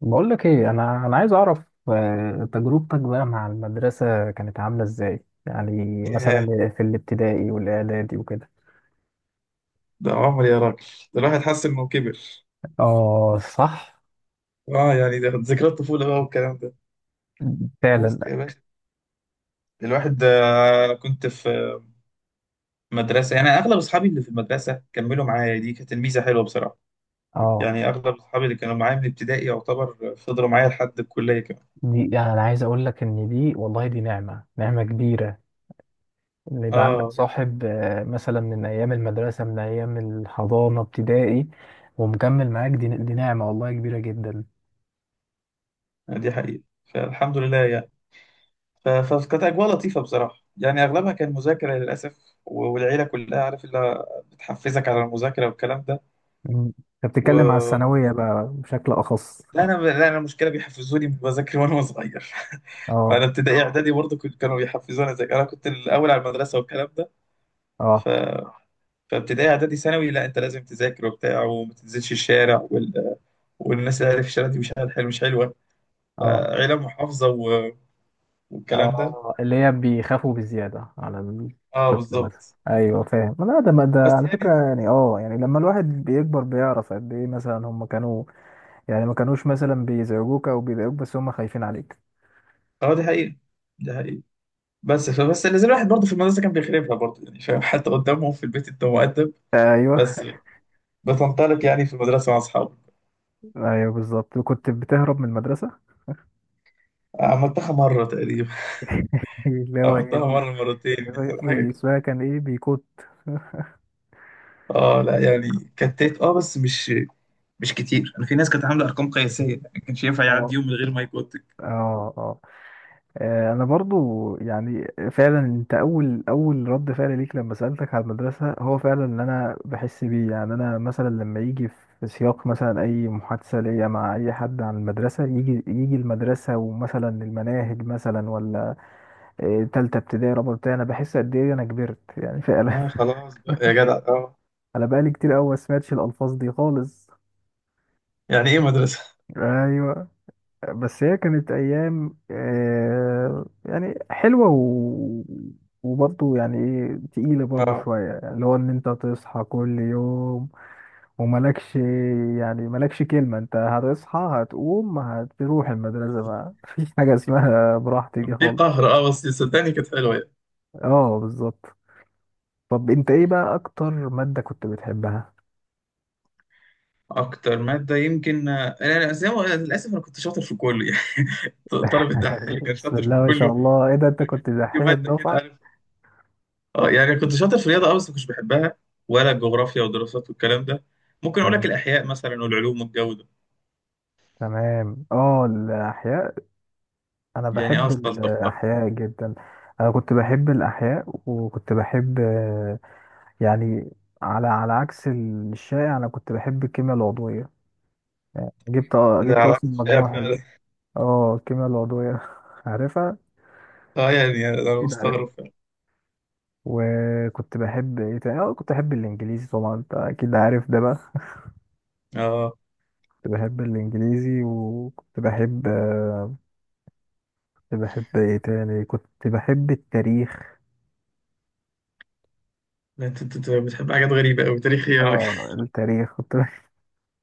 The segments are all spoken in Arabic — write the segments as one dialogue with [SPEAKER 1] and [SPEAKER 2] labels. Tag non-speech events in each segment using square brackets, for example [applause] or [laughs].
[SPEAKER 1] بقول لك ايه انا عايز اعرف. تجربتك بقى مع المدرسه كانت عامله ازاي؟ يعني
[SPEAKER 2] ياه!
[SPEAKER 1] مثلا في الابتدائي والاعدادي وكده.
[SPEAKER 2] ده عمر يا راجل. ده الواحد حس انه كبر.
[SPEAKER 1] اه، صح،
[SPEAKER 2] اه، يعني ده ذكريات طفوله بقى والكلام ده.
[SPEAKER 1] فعلا.
[SPEAKER 2] بص يا باشا، الواحد انا كنت في مدرسه، يعني اغلب اصحابي اللي في المدرسه كملوا معايا. دي كانت الميزه حلوه بصراحه،
[SPEAKER 1] اه،
[SPEAKER 2] يعني اغلب اصحابي اللي كانوا معايا من ابتدائي يعتبر فضلوا معايا لحد الكليه كمان.
[SPEAKER 1] دي يعني انا عايز اقول لك ان دي والله دي نعمه، نعمه كبيره، ان يبقى عندك
[SPEAKER 2] اه،
[SPEAKER 1] صاحب مثلا من ايام المدرسه، من ايام الحضانه، ابتدائي، ومكمل معاك. دي نعمه والله كبيره جدا.
[SPEAKER 2] يعني دي حقيقه، فالحمد لله يعني. فكانت اجواء لطيفه بصراحه، يعني اغلبها كان مذاكره للاسف، والعيله كلها عارف اللي بتحفزك على المذاكره والكلام
[SPEAKER 1] مم. انت بتتكلم على
[SPEAKER 2] ده.
[SPEAKER 1] الثانويه بقى بشكل اخص.
[SPEAKER 2] لا انا المشكله بيحفزوني بذاكر وانا صغير [laughs]
[SPEAKER 1] اه،
[SPEAKER 2] فانا ابتدائي، اه، اعدادي برضه كانوا بيحفزوني اذاكر، انا كنت الاول على المدرسه والكلام ده. ف...
[SPEAKER 1] اه،
[SPEAKER 2] فابتدائي اعدادي ثانوي، لا انت لازم تذاكر وبتاع وما تنزلش الشارع والناس اللي عارف الشارع دي مش حلوه مش حلوه.
[SPEAKER 1] اه،
[SPEAKER 2] فعيله محافظه والكلام ده.
[SPEAKER 1] اه، اللي هي بيخافوا بالزيادة على
[SPEAKER 2] اه،
[SPEAKER 1] الطفل مثلا.
[SPEAKER 2] بالظبط،
[SPEAKER 1] ايوه، فاهم. لا، ده، ما ده
[SPEAKER 2] بس
[SPEAKER 1] على فكرة
[SPEAKER 2] يعني
[SPEAKER 1] يعني. اه يعني لما الواحد بيكبر بيعرف قد ايه مثلا هم كانوا، يعني ما كانوش مثلا بيزعجوك او بيضايقوك، بس هم خايفين عليك.
[SPEAKER 2] اه، دي حقيقه دي حقيقه. فبس اللي زي الواحد برضه في المدرسه كان بيخربها برضه، يعني فاهم [laughs] حتى قدامهم في البيت انت مؤدب،
[SPEAKER 1] ايوه،
[SPEAKER 2] بس بتنطلق يعني في المدرسه مع اصحابك.
[SPEAKER 1] ايوه، بالظبط، كنت بتهرب من المدرسة.
[SPEAKER 2] عملتها مره تقريبا.
[SPEAKER 1] [laughs] اللي هو ايه،
[SPEAKER 2] عملتها مرة مرتين يعني، حاجة كده.
[SPEAKER 1] اسمها كان ايه؟ بيكوت. [laughs]
[SPEAKER 2] اه، لا يعني
[SPEAKER 1] بيكوت.
[SPEAKER 2] كتات، اه بس مش كتير. انا في ناس كانت عاملة ارقام قياسية، يعني ما كانش ينفع
[SPEAKER 1] اه،
[SPEAKER 2] يعدي يوم من غير ما يكوتك.
[SPEAKER 1] اه، اه، انا برضو يعني فعلا انت اول رد فعل ليك لما سالتك على المدرسه هو فعلا اللي انا بحس بيه. يعني انا مثلا لما يجي في سياق، مثلا اي محادثه ليا مع اي حد عن المدرسه، يجي المدرسه ومثلا المناهج مثلا، ولا تالته ابتدائي، رابعه ابتدائي، انا بحس قد ايه انا كبرت يعني فعلا.
[SPEAKER 2] اه، خلاص بقى يا جدع، اه
[SPEAKER 1] [laughs] انا بقالي كتير قوي ما سمعتش الالفاظ دي خالص.
[SPEAKER 2] يعني ايه مدرسة.
[SPEAKER 1] ايوه، بس هي كانت ايام يعني حلوه و... وبرضه يعني ايه تقيله برضه
[SPEAKER 2] اه،
[SPEAKER 1] شويه، يعني اللي هو ان انت تصحى كل يوم وملكش، يعني ملكش كلمه. انت هتصحى هتقوم هتروح المدرسه، ما فيش [laughs] حاجه اسمها براحتي
[SPEAKER 2] كان
[SPEAKER 1] دي
[SPEAKER 2] في
[SPEAKER 1] خالص.
[SPEAKER 2] قهر، اه بس صدقني كانت حلوه يعني.
[SPEAKER 1] اه، بالظبط. طب انت ايه بقى اكتر ماده كنت بتحبها؟
[SPEAKER 2] اكتر ماده يمكن، أنا زي ما أنا، للاسف انا كنت شاطر في كله يعني. [laughs] طالب الدحيح اللي
[SPEAKER 1] [laughs]
[SPEAKER 2] كان
[SPEAKER 1] بسم
[SPEAKER 2] شاطر
[SPEAKER 1] الله
[SPEAKER 2] في
[SPEAKER 1] ما شاء
[SPEAKER 2] كله.
[SPEAKER 1] الله، ايه ده، انت
[SPEAKER 2] فكان
[SPEAKER 1] كنت
[SPEAKER 2] في
[SPEAKER 1] دحيح
[SPEAKER 2] ماده كده،
[SPEAKER 1] الدفعه.
[SPEAKER 2] عارف؟ اه يعني كنت شاطر في الرياضه، اه بس ما كنتش بحبها، ولا الجغرافيا والدراسات والكلام ده. ممكن اقول لك
[SPEAKER 1] تمام،
[SPEAKER 2] الاحياء مثلا والعلوم والجو ده.
[SPEAKER 1] تمام، اه الاحياء. انا
[SPEAKER 2] يعني اه،
[SPEAKER 1] بحب
[SPEAKER 2] استلطفتها.
[SPEAKER 1] الاحياء جدا. انا كنت بحب الاحياء، وكنت بحب يعني، على عكس الشائع انا كنت بحب الكيمياء العضويه. جبت
[SPEAKER 2] ده
[SPEAKER 1] جبت
[SPEAKER 2] على
[SPEAKER 1] اصلا
[SPEAKER 2] عكس الشائع
[SPEAKER 1] مجموع حلو.
[SPEAKER 2] فعلا،
[SPEAKER 1] اه الكيمياء العضويه [laughs] عارفها،
[SPEAKER 2] اه يعني انا
[SPEAKER 1] اكيد عارف.
[SPEAKER 2] مستغرب فعلا.
[SPEAKER 1] وكنت بحب ايه تاني؟ اه كنت بحب الانجليزي طبعا، انت اكيد عارف ده بقى. [laughs]
[SPEAKER 2] اه،
[SPEAKER 1] كنت بحب الانجليزي، وكنت بحب كنت بحب ايه تاني؟ كنت بحب التاريخ.
[SPEAKER 2] لا، انت انت أنت بتحب حاجات غريبة أوي تاريخية راجل.
[SPEAKER 1] اه التاريخ كنت [laughs]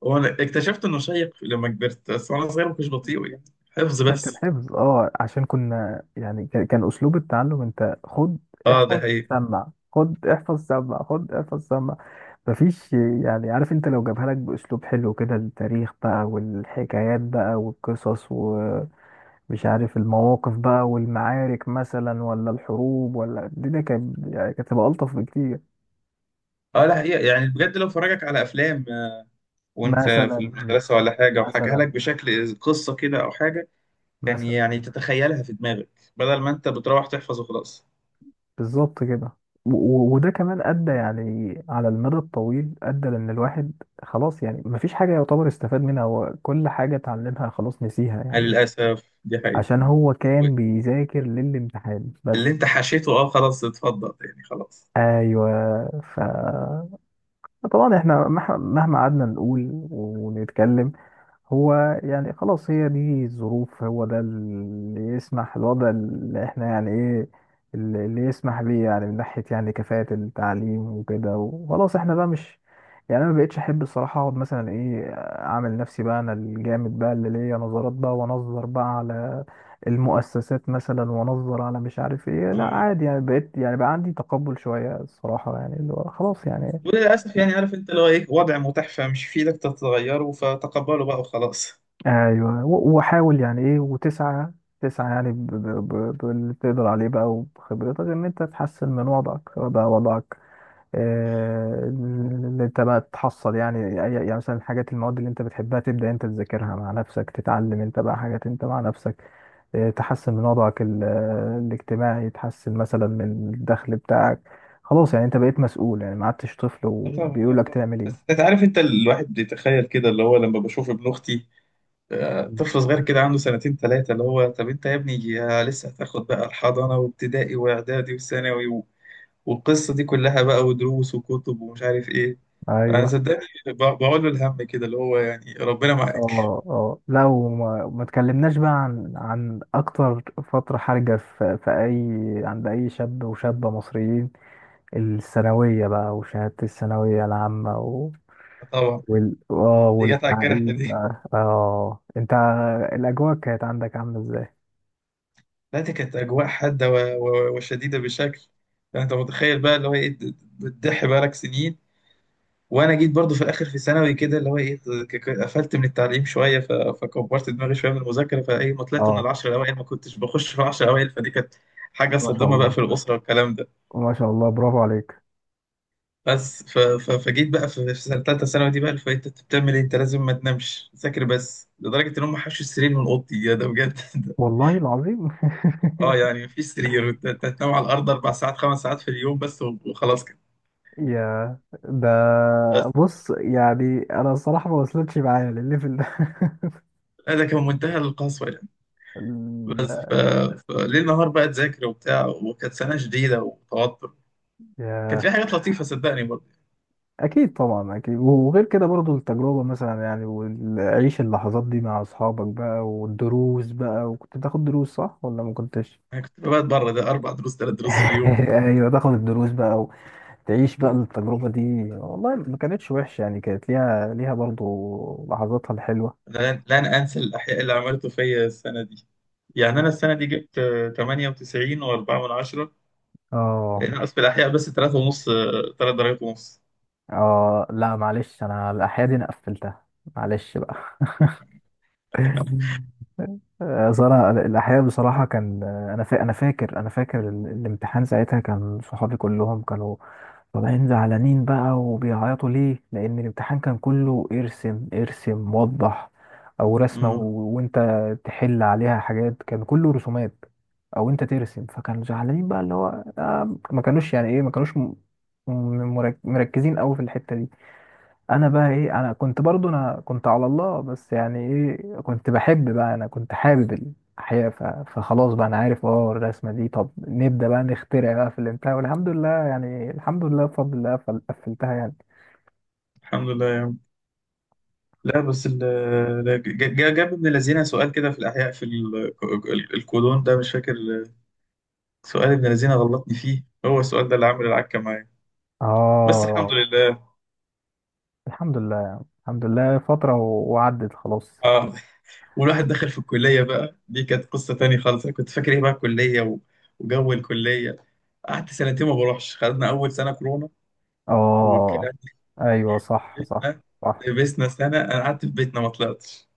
[SPEAKER 2] هو انا اكتشفت انه شيق لما كبرت بس، وانا صغير ما كنتش بطيء، يعني حفظ
[SPEAKER 1] كان
[SPEAKER 2] بس.
[SPEAKER 1] حفظ. اه عشان كنا يعني كان اسلوب التعلم. انت خد
[SPEAKER 2] اه، ده
[SPEAKER 1] احفظ
[SPEAKER 2] حقيقي.
[SPEAKER 1] سمع، خد احفظ سمع، خد احفظ سمع، مفيش يعني. عارف، انت لو جابها لك باسلوب حلو كده، التاريخ بقى والحكايات بقى والقصص ومش عارف المواقف بقى والمعارك مثلا، ولا الحروب، ولا، الدنيا كانت يعني كانت تبقى الطف بكتير.
[SPEAKER 2] اه، ده حقيقة يعني، بجد لو فرجك على افلام، وانت في
[SPEAKER 1] مثلا،
[SPEAKER 2] المدرسة ولا حاجة وحكاها لك
[SPEAKER 1] مثلا،
[SPEAKER 2] بشكل قصة كده او حاجة، كان
[SPEAKER 1] مثلا
[SPEAKER 2] يعني تتخيلها في دماغك بدل ما انت بتروح تحفظ وخلاص.
[SPEAKER 1] بالظبط كده. و- و- وده كمان أدى يعني على المدى الطويل، أدى لأن الواحد خلاص يعني مفيش حاجة يعتبر استفاد منها. هو كل حاجة اتعلمها خلاص نسيها يعني،
[SPEAKER 2] للأسف دي
[SPEAKER 1] عشان
[SPEAKER 2] حقيقة.
[SPEAKER 1] هو كان بيذاكر للامتحان
[SPEAKER 2] اللي
[SPEAKER 1] بس.
[SPEAKER 2] انت حشيته اه، خلاص اتفضل يعني خلاص.
[SPEAKER 1] أيوه، ف طبعا احنا مهما قعدنا نقول ونتكلم، هو يعني خلاص، هي دي الظروف، هو ده اللي يسمح، الوضع اللي احنا يعني ايه، اللي يسمح بيه، يعني من ناحية يعني كفاءة التعليم وكده، وخلاص احنا بقى مش. يعني انا ما بقتش احب الصراحة اقعد مثلا ايه، اعمل نفسي بقى انا الجامد بقى اللي ليا نظرات بقى وانظر بقى على المؤسسات مثلا، وانظر على مش عارف ايه. لا،
[SPEAKER 2] آه.
[SPEAKER 1] عادي يعني، بقيت يعني بقى عندي تقبل شوية الصراحة، يعني اللي هو خلاص يعني.
[SPEAKER 2] وللأسف يعني، عارف أنت اللي هو إيه، وضع متاح فمش في إيدك تتغيره، فتقبله بقى وخلاص.
[SPEAKER 1] ايوه، وحاول يعني ايه وتسعى، تسعى يعني باللي تقدر عليه بقى وبخبرتك ان انت تحسن من وضعك، سواء بقى وضعك ان انت بقى تحصل يعني يعني مثلا الحاجات، المواد اللي انت بتحبها تبدا انت تذاكرها مع نفسك، تتعلم انت بقى حاجات انت مع نفسك، تحسن من وضعك الاجتماعي، تحسن مثلا من الدخل بتاعك. خلاص يعني انت بقيت مسؤول، يعني ما عدتش طفل
[SPEAKER 2] آه طبعا، آه
[SPEAKER 1] وبيقول لك
[SPEAKER 2] طبعا.
[SPEAKER 1] تعمل
[SPEAKER 2] بس
[SPEAKER 1] ايه.
[SPEAKER 2] أنت عارف، أنت الواحد بيتخيل كده، اللي هو لما بشوف ابن أختي
[SPEAKER 1] مم.
[SPEAKER 2] طفل صغير كده عنده سنتين ثلاثة، اللي هو طب أنت يا ابني يا لسه هتاخد بقى الحضانة وابتدائي وإعدادي وثانوي والقصة دي كلها بقى، ودروس وكتب ومش عارف إيه. أنا
[SPEAKER 1] ايوه،
[SPEAKER 2] صدقني بقول له الهم كده، اللي هو يعني ربنا معاك.
[SPEAKER 1] اه، اه، لو ما تكلمناش بقى عن اكتر فترة حرجة في اي، عند اي شاب وشابة مصريين، الثانوية بقى وشهادة الثانوية العامة. و...
[SPEAKER 2] طبعا.
[SPEAKER 1] وال اه
[SPEAKER 2] دي جت على الجرح
[SPEAKER 1] والتعليم
[SPEAKER 2] دي.
[SPEAKER 1] بقى. اه انت، الاجواء كانت عندك عاملة ازاي؟
[SPEAKER 2] لا دي كانت أجواء حادة وشديدة بشكل، يعني أنت متخيل بقى اللي هو إيه؟ بتضحي بقالك سنين. وأنا جيت برضو في الآخر في ثانوي كده، اللي هو إيه، قفلت من التعليم شوية، فكبرت دماغي شوية من المذاكرة، فإيه، ما طلعت من
[SPEAKER 1] اه،
[SPEAKER 2] العشر الأوائل، ما كنتش بخش في العشر الأوائل، فدي كانت حاجة
[SPEAKER 1] ما شاء
[SPEAKER 2] صادمة بقى
[SPEAKER 1] الله،
[SPEAKER 2] في الأسرة والكلام ده.
[SPEAKER 1] ما شاء الله برافو عليك.
[SPEAKER 2] بس فجيت بقى في سنة تالتة ثانوي دي بقى اللي فايت. أنت بتعمل إيه؟ أنت لازم ما تنامش، ذاكر بس، لدرجة إن هم حشوا السرير من أوضتي، يا ده بجد [laughs]
[SPEAKER 1] والله العظيم. [laughs]
[SPEAKER 2] اه يعني في سرير تنام على الارض 4 ساعات 5 ساعات في اليوم بس وخلاص كده.
[SPEAKER 1] يا ده،
[SPEAKER 2] بس
[SPEAKER 1] بص يعني انا الصراحة ما وصلتش معايا للليفل ده.
[SPEAKER 2] لا ده كان منتهى القسوه يعني. بس فليل نهار بقى تذاكر وبتاع، وكانت سنه شديده وتوتر.
[SPEAKER 1] [laughs]
[SPEAKER 2] كانت
[SPEAKER 1] يا،
[SPEAKER 2] في حاجات لطيفه صدقني برضه.
[SPEAKER 1] اكيد طبعا، اكيد. وغير كده برضو التجربه مثلا يعني، وعيش اللحظات دي مع اصحابك بقى والدروس بقى. وكنت بتاخد دروس صح ولا ما كنتش؟
[SPEAKER 2] انا كنت بقعد بره ده 4 دروس 3 دروس في
[SPEAKER 1] [laughs]
[SPEAKER 2] اليوم.
[SPEAKER 1] ايوه، تاخد الدروس بقى، وتعيش بقى التجربه دي. والله ما كانتش وحشه يعني، كانت ليها برضو لحظاتها الحلوه.
[SPEAKER 2] انا لن انسى الاحياء اللي عملته فيا السنه دي. يعني انا السنه دي جبت 98 و4 من 10،
[SPEAKER 1] اه،
[SPEAKER 2] ناقص في الاحياء بس 3 ونص، 3 درجات ونص.
[SPEAKER 1] اه، لا معلش، انا الاحياء دي انا قفلتها، معلش بقى. [laughs] صراحة الأحياء بصراحة كان أنا أنا فاكر، أنا فاكر الامتحان ساعتها. كان صحابي كلهم كانوا طالعين زعلانين بقى وبيعيطوا. ليه؟ لأن الامتحان كان كله ارسم ارسم وضح، أو رسمة، و...
[SPEAKER 2] امم
[SPEAKER 1] وأنت تحل عليها حاجات. كان كله رسومات، أو أنت ترسم. فكانوا زعلانين بقى اللي هو ما كانوش يعني إيه، ما كانوش مركزين أوي في الحتة دي. انا بقى ايه، انا كنت برضو، انا كنت على الله. بس يعني ايه، كنت بحب بقى، انا كنت حابب الاحياء، فخلاص بقى انا عارف اه الرسمه دي. طب نبدا بقى نخترع بقى في الانتهاء. والحمد لله يعني، الحمد لله بفضل الله قفلتها يعني.
[SPEAKER 2] الحمد لله. لا بس جاب ابن الذين سؤال كده في الأحياء في الكولون ده مش فاكر. سؤال ابن الذين غلطني فيه هو السؤال ده، اللي عامل العكة معايا. بس
[SPEAKER 1] اه،
[SPEAKER 2] الحمد لله.
[SPEAKER 1] الحمد لله، الحمد لله، فتره وعدت خلاص.
[SPEAKER 2] اه، والواحد دخل في الكلية بقى، دي كانت قصة تانية خالص. أنا كنت فاكر إيه بقى الكلية وجو الكلية. قعدت سنتين ما بروحش، خدنا أول سنة كورونا والكلام
[SPEAKER 1] اه،
[SPEAKER 2] ده.
[SPEAKER 1] ايوه، صح، صح،
[SPEAKER 2] لبسنا
[SPEAKER 1] صح.
[SPEAKER 2] لبسنا سنة أنا قعدت في بيتنا ما طلعتش.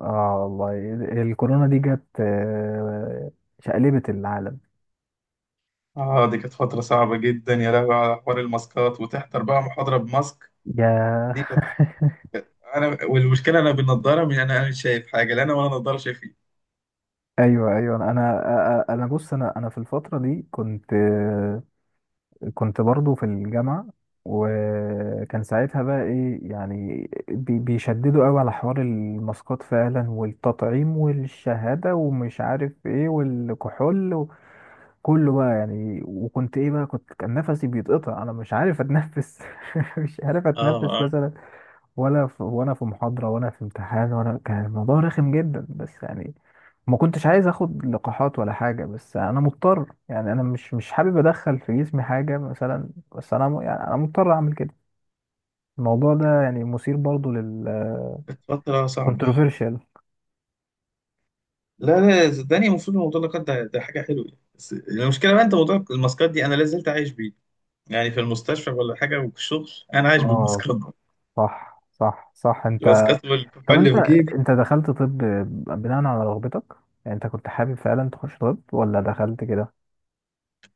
[SPEAKER 1] اه والله الكورونا دي جت شقلبت العالم.
[SPEAKER 2] اه، دي كانت فترة صعبة جدا، يا لهوي على حوار الماسكات، وتحضر بقى محاضرة بماسك
[SPEAKER 1] يا،
[SPEAKER 2] دي.
[SPEAKER 1] [laughs]
[SPEAKER 2] انا والمشكله انا بالنضاره، من أنا مش شايف حاجه، لا انا ولا نضاره شايفين.
[SPEAKER 1] ايوه، ايوه، انا بص، انا في الفتره دي كنت، كنت برضو في الجامعه. وكان ساعتها بقى ايه يعني، بيشددوا قوي على حوار الماسكات فعلا، والتطعيم والشهاده ومش عارف ايه، والكحول وكله بقى يعني. وكنت ايه بقى كنت، كان نفسي بيتقطع، انا مش عارف اتنفس. [laughs] مش عارف
[SPEAKER 2] اه
[SPEAKER 1] اتنفس،
[SPEAKER 2] اه،
[SPEAKER 1] ولا في وانا في محاضرة، ولا في امتحان، ولا، كان الموضوع رخم جدا بس. يعني ما كنتش عايز اخد لقاحات ولا حاجة، بس انا مضطر. يعني انا مش حابب ادخل في جسمي حاجة مثلا، بس انا يعني انا مضطر اعمل كده. الموضوع ده يعني مثير برضو لل
[SPEAKER 2] كانت فترة
[SPEAKER 1] [laughs]
[SPEAKER 2] صعبة.
[SPEAKER 1] controversial.
[SPEAKER 2] لا، لا صدقني، المفروض موضوع اللقاح ده حاجة حلوة يعني. بس المشكلة بقى، انت موضوع الماسكات دي انا لا زلت عايش بيه، يعني في المستشفى ولا حاجة، وفي الشغل انا عايش
[SPEAKER 1] اه،
[SPEAKER 2] بالماسكات دي،
[SPEAKER 1] صح، صح، صح، انت.
[SPEAKER 2] الماسكات والكحول
[SPEAKER 1] طب
[SPEAKER 2] اللي
[SPEAKER 1] انت،
[SPEAKER 2] في جيبي.
[SPEAKER 1] انت دخلت طب بناء على رغبتك؟ يعني انت كنت حابب فعلا تخش طب، ولا دخلت كده؟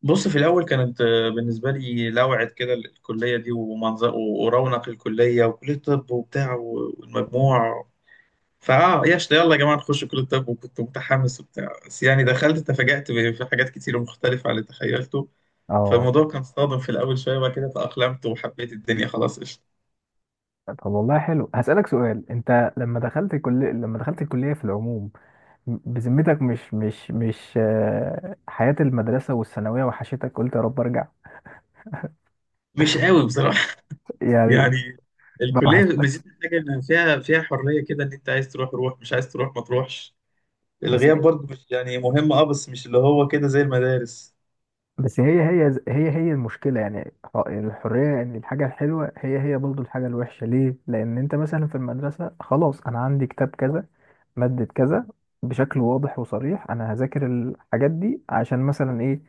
[SPEAKER 2] بص في الاول كانت بالنسبة لي لوعة كده، الكلية دي ومنظر ورونق الكلية وكلية طب وبتاع والمجموع. فاه، ياش، يلا يا جماعه نخش كل الطب، وكنت متحمس وبتاع. بس يعني دخلت، تفاجأت في حاجات كتير مختلفه عن اللي تخيلته،
[SPEAKER 1] اه،
[SPEAKER 2] فالموضوع كان صادم في الاول شويه، وبعد كده تأقلمت وحبيت الدنيا، خلاص قشطه.
[SPEAKER 1] طب والله حلو. هسألك سؤال. انت لما دخلت الكلية، لما دخلت الكلية في العموم، بذمتك مش مش مش حياة المدرسة والثانوية وحشتك؟ قلت يا رب ارجع؟
[SPEAKER 2] مش قوي بصراحه [laughs]
[SPEAKER 1] يعني
[SPEAKER 2] يعني
[SPEAKER 1] ما
[SPEAKER 2] الكليه
[SPEAKER 1] وحشتكش؟
[SPEAKER 2] ميزتها حاجه، ان فيها حريه كده، ان انت عايز تروح روح، مش عايز تروح ما تروحش.
[SPEAKER 1] بس
[SPEAKER 2] الغياب
[SPEAKER 1] هي-
[SPEAKER 2] برضه مش يعني مهم، اه بس مش اللي هو كده زي المدارس.
[SPEAKER 1] بس هي المشكلة يعني الحرية. ان الحاجة الحلوة هي برضه الحاجة الوحشة. ليه؟ لأن انت مثلا في المدرسة خلاص، انا عندي كتاب كذا، مادة كذا بشكل واضح وصريح. أنا هذاكر الحاجات دي عشان مثلا إيه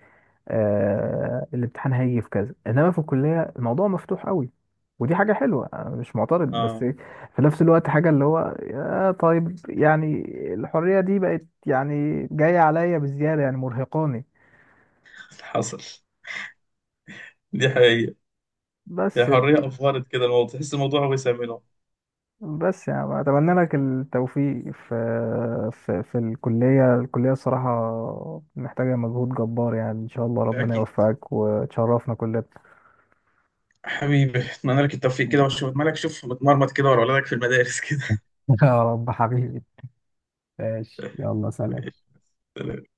[SPEAKER 1] الامتحان هيجي في كذا. إنما في الكلية الموضوع مفتوح قوي، ودي حاجة حلوة أنا مش معترض، بس
[SPEAKER 2] اه،
[SPEAKER 1] إيه، في نفس الوقت حاجة اللي هو طيب يعني الحرية دي بقت يعني جاية عليا بزيادة، يعني مرهقاني.
[SPEAKER 2] حصل، دي حقيقه، هي
[SPEAKER 1] بس،
[SPEAKER 2] حريه افورت كده الموضوع، تحس الموضوع وسع منه.
[SPEAKER 1] بس يعني اتمنى لك التوفيق في، في الكليه. الكليه الصراحه محتاجه مجهود جبار يعني. ان شاء الله ربنا يوفقك وتشرفنا كلنا.
[SPEAKER 2] حبيبي، اتمنى لك التوفيق كده، واشوف مالك، شوف متمرمط كده ورا ولادك في المدارس كده
[SPEAKER 1] [laughs] يا رب حبيبي. ماشي يلا، سلام.
[SPEAKER 2] [laughs] ماشي.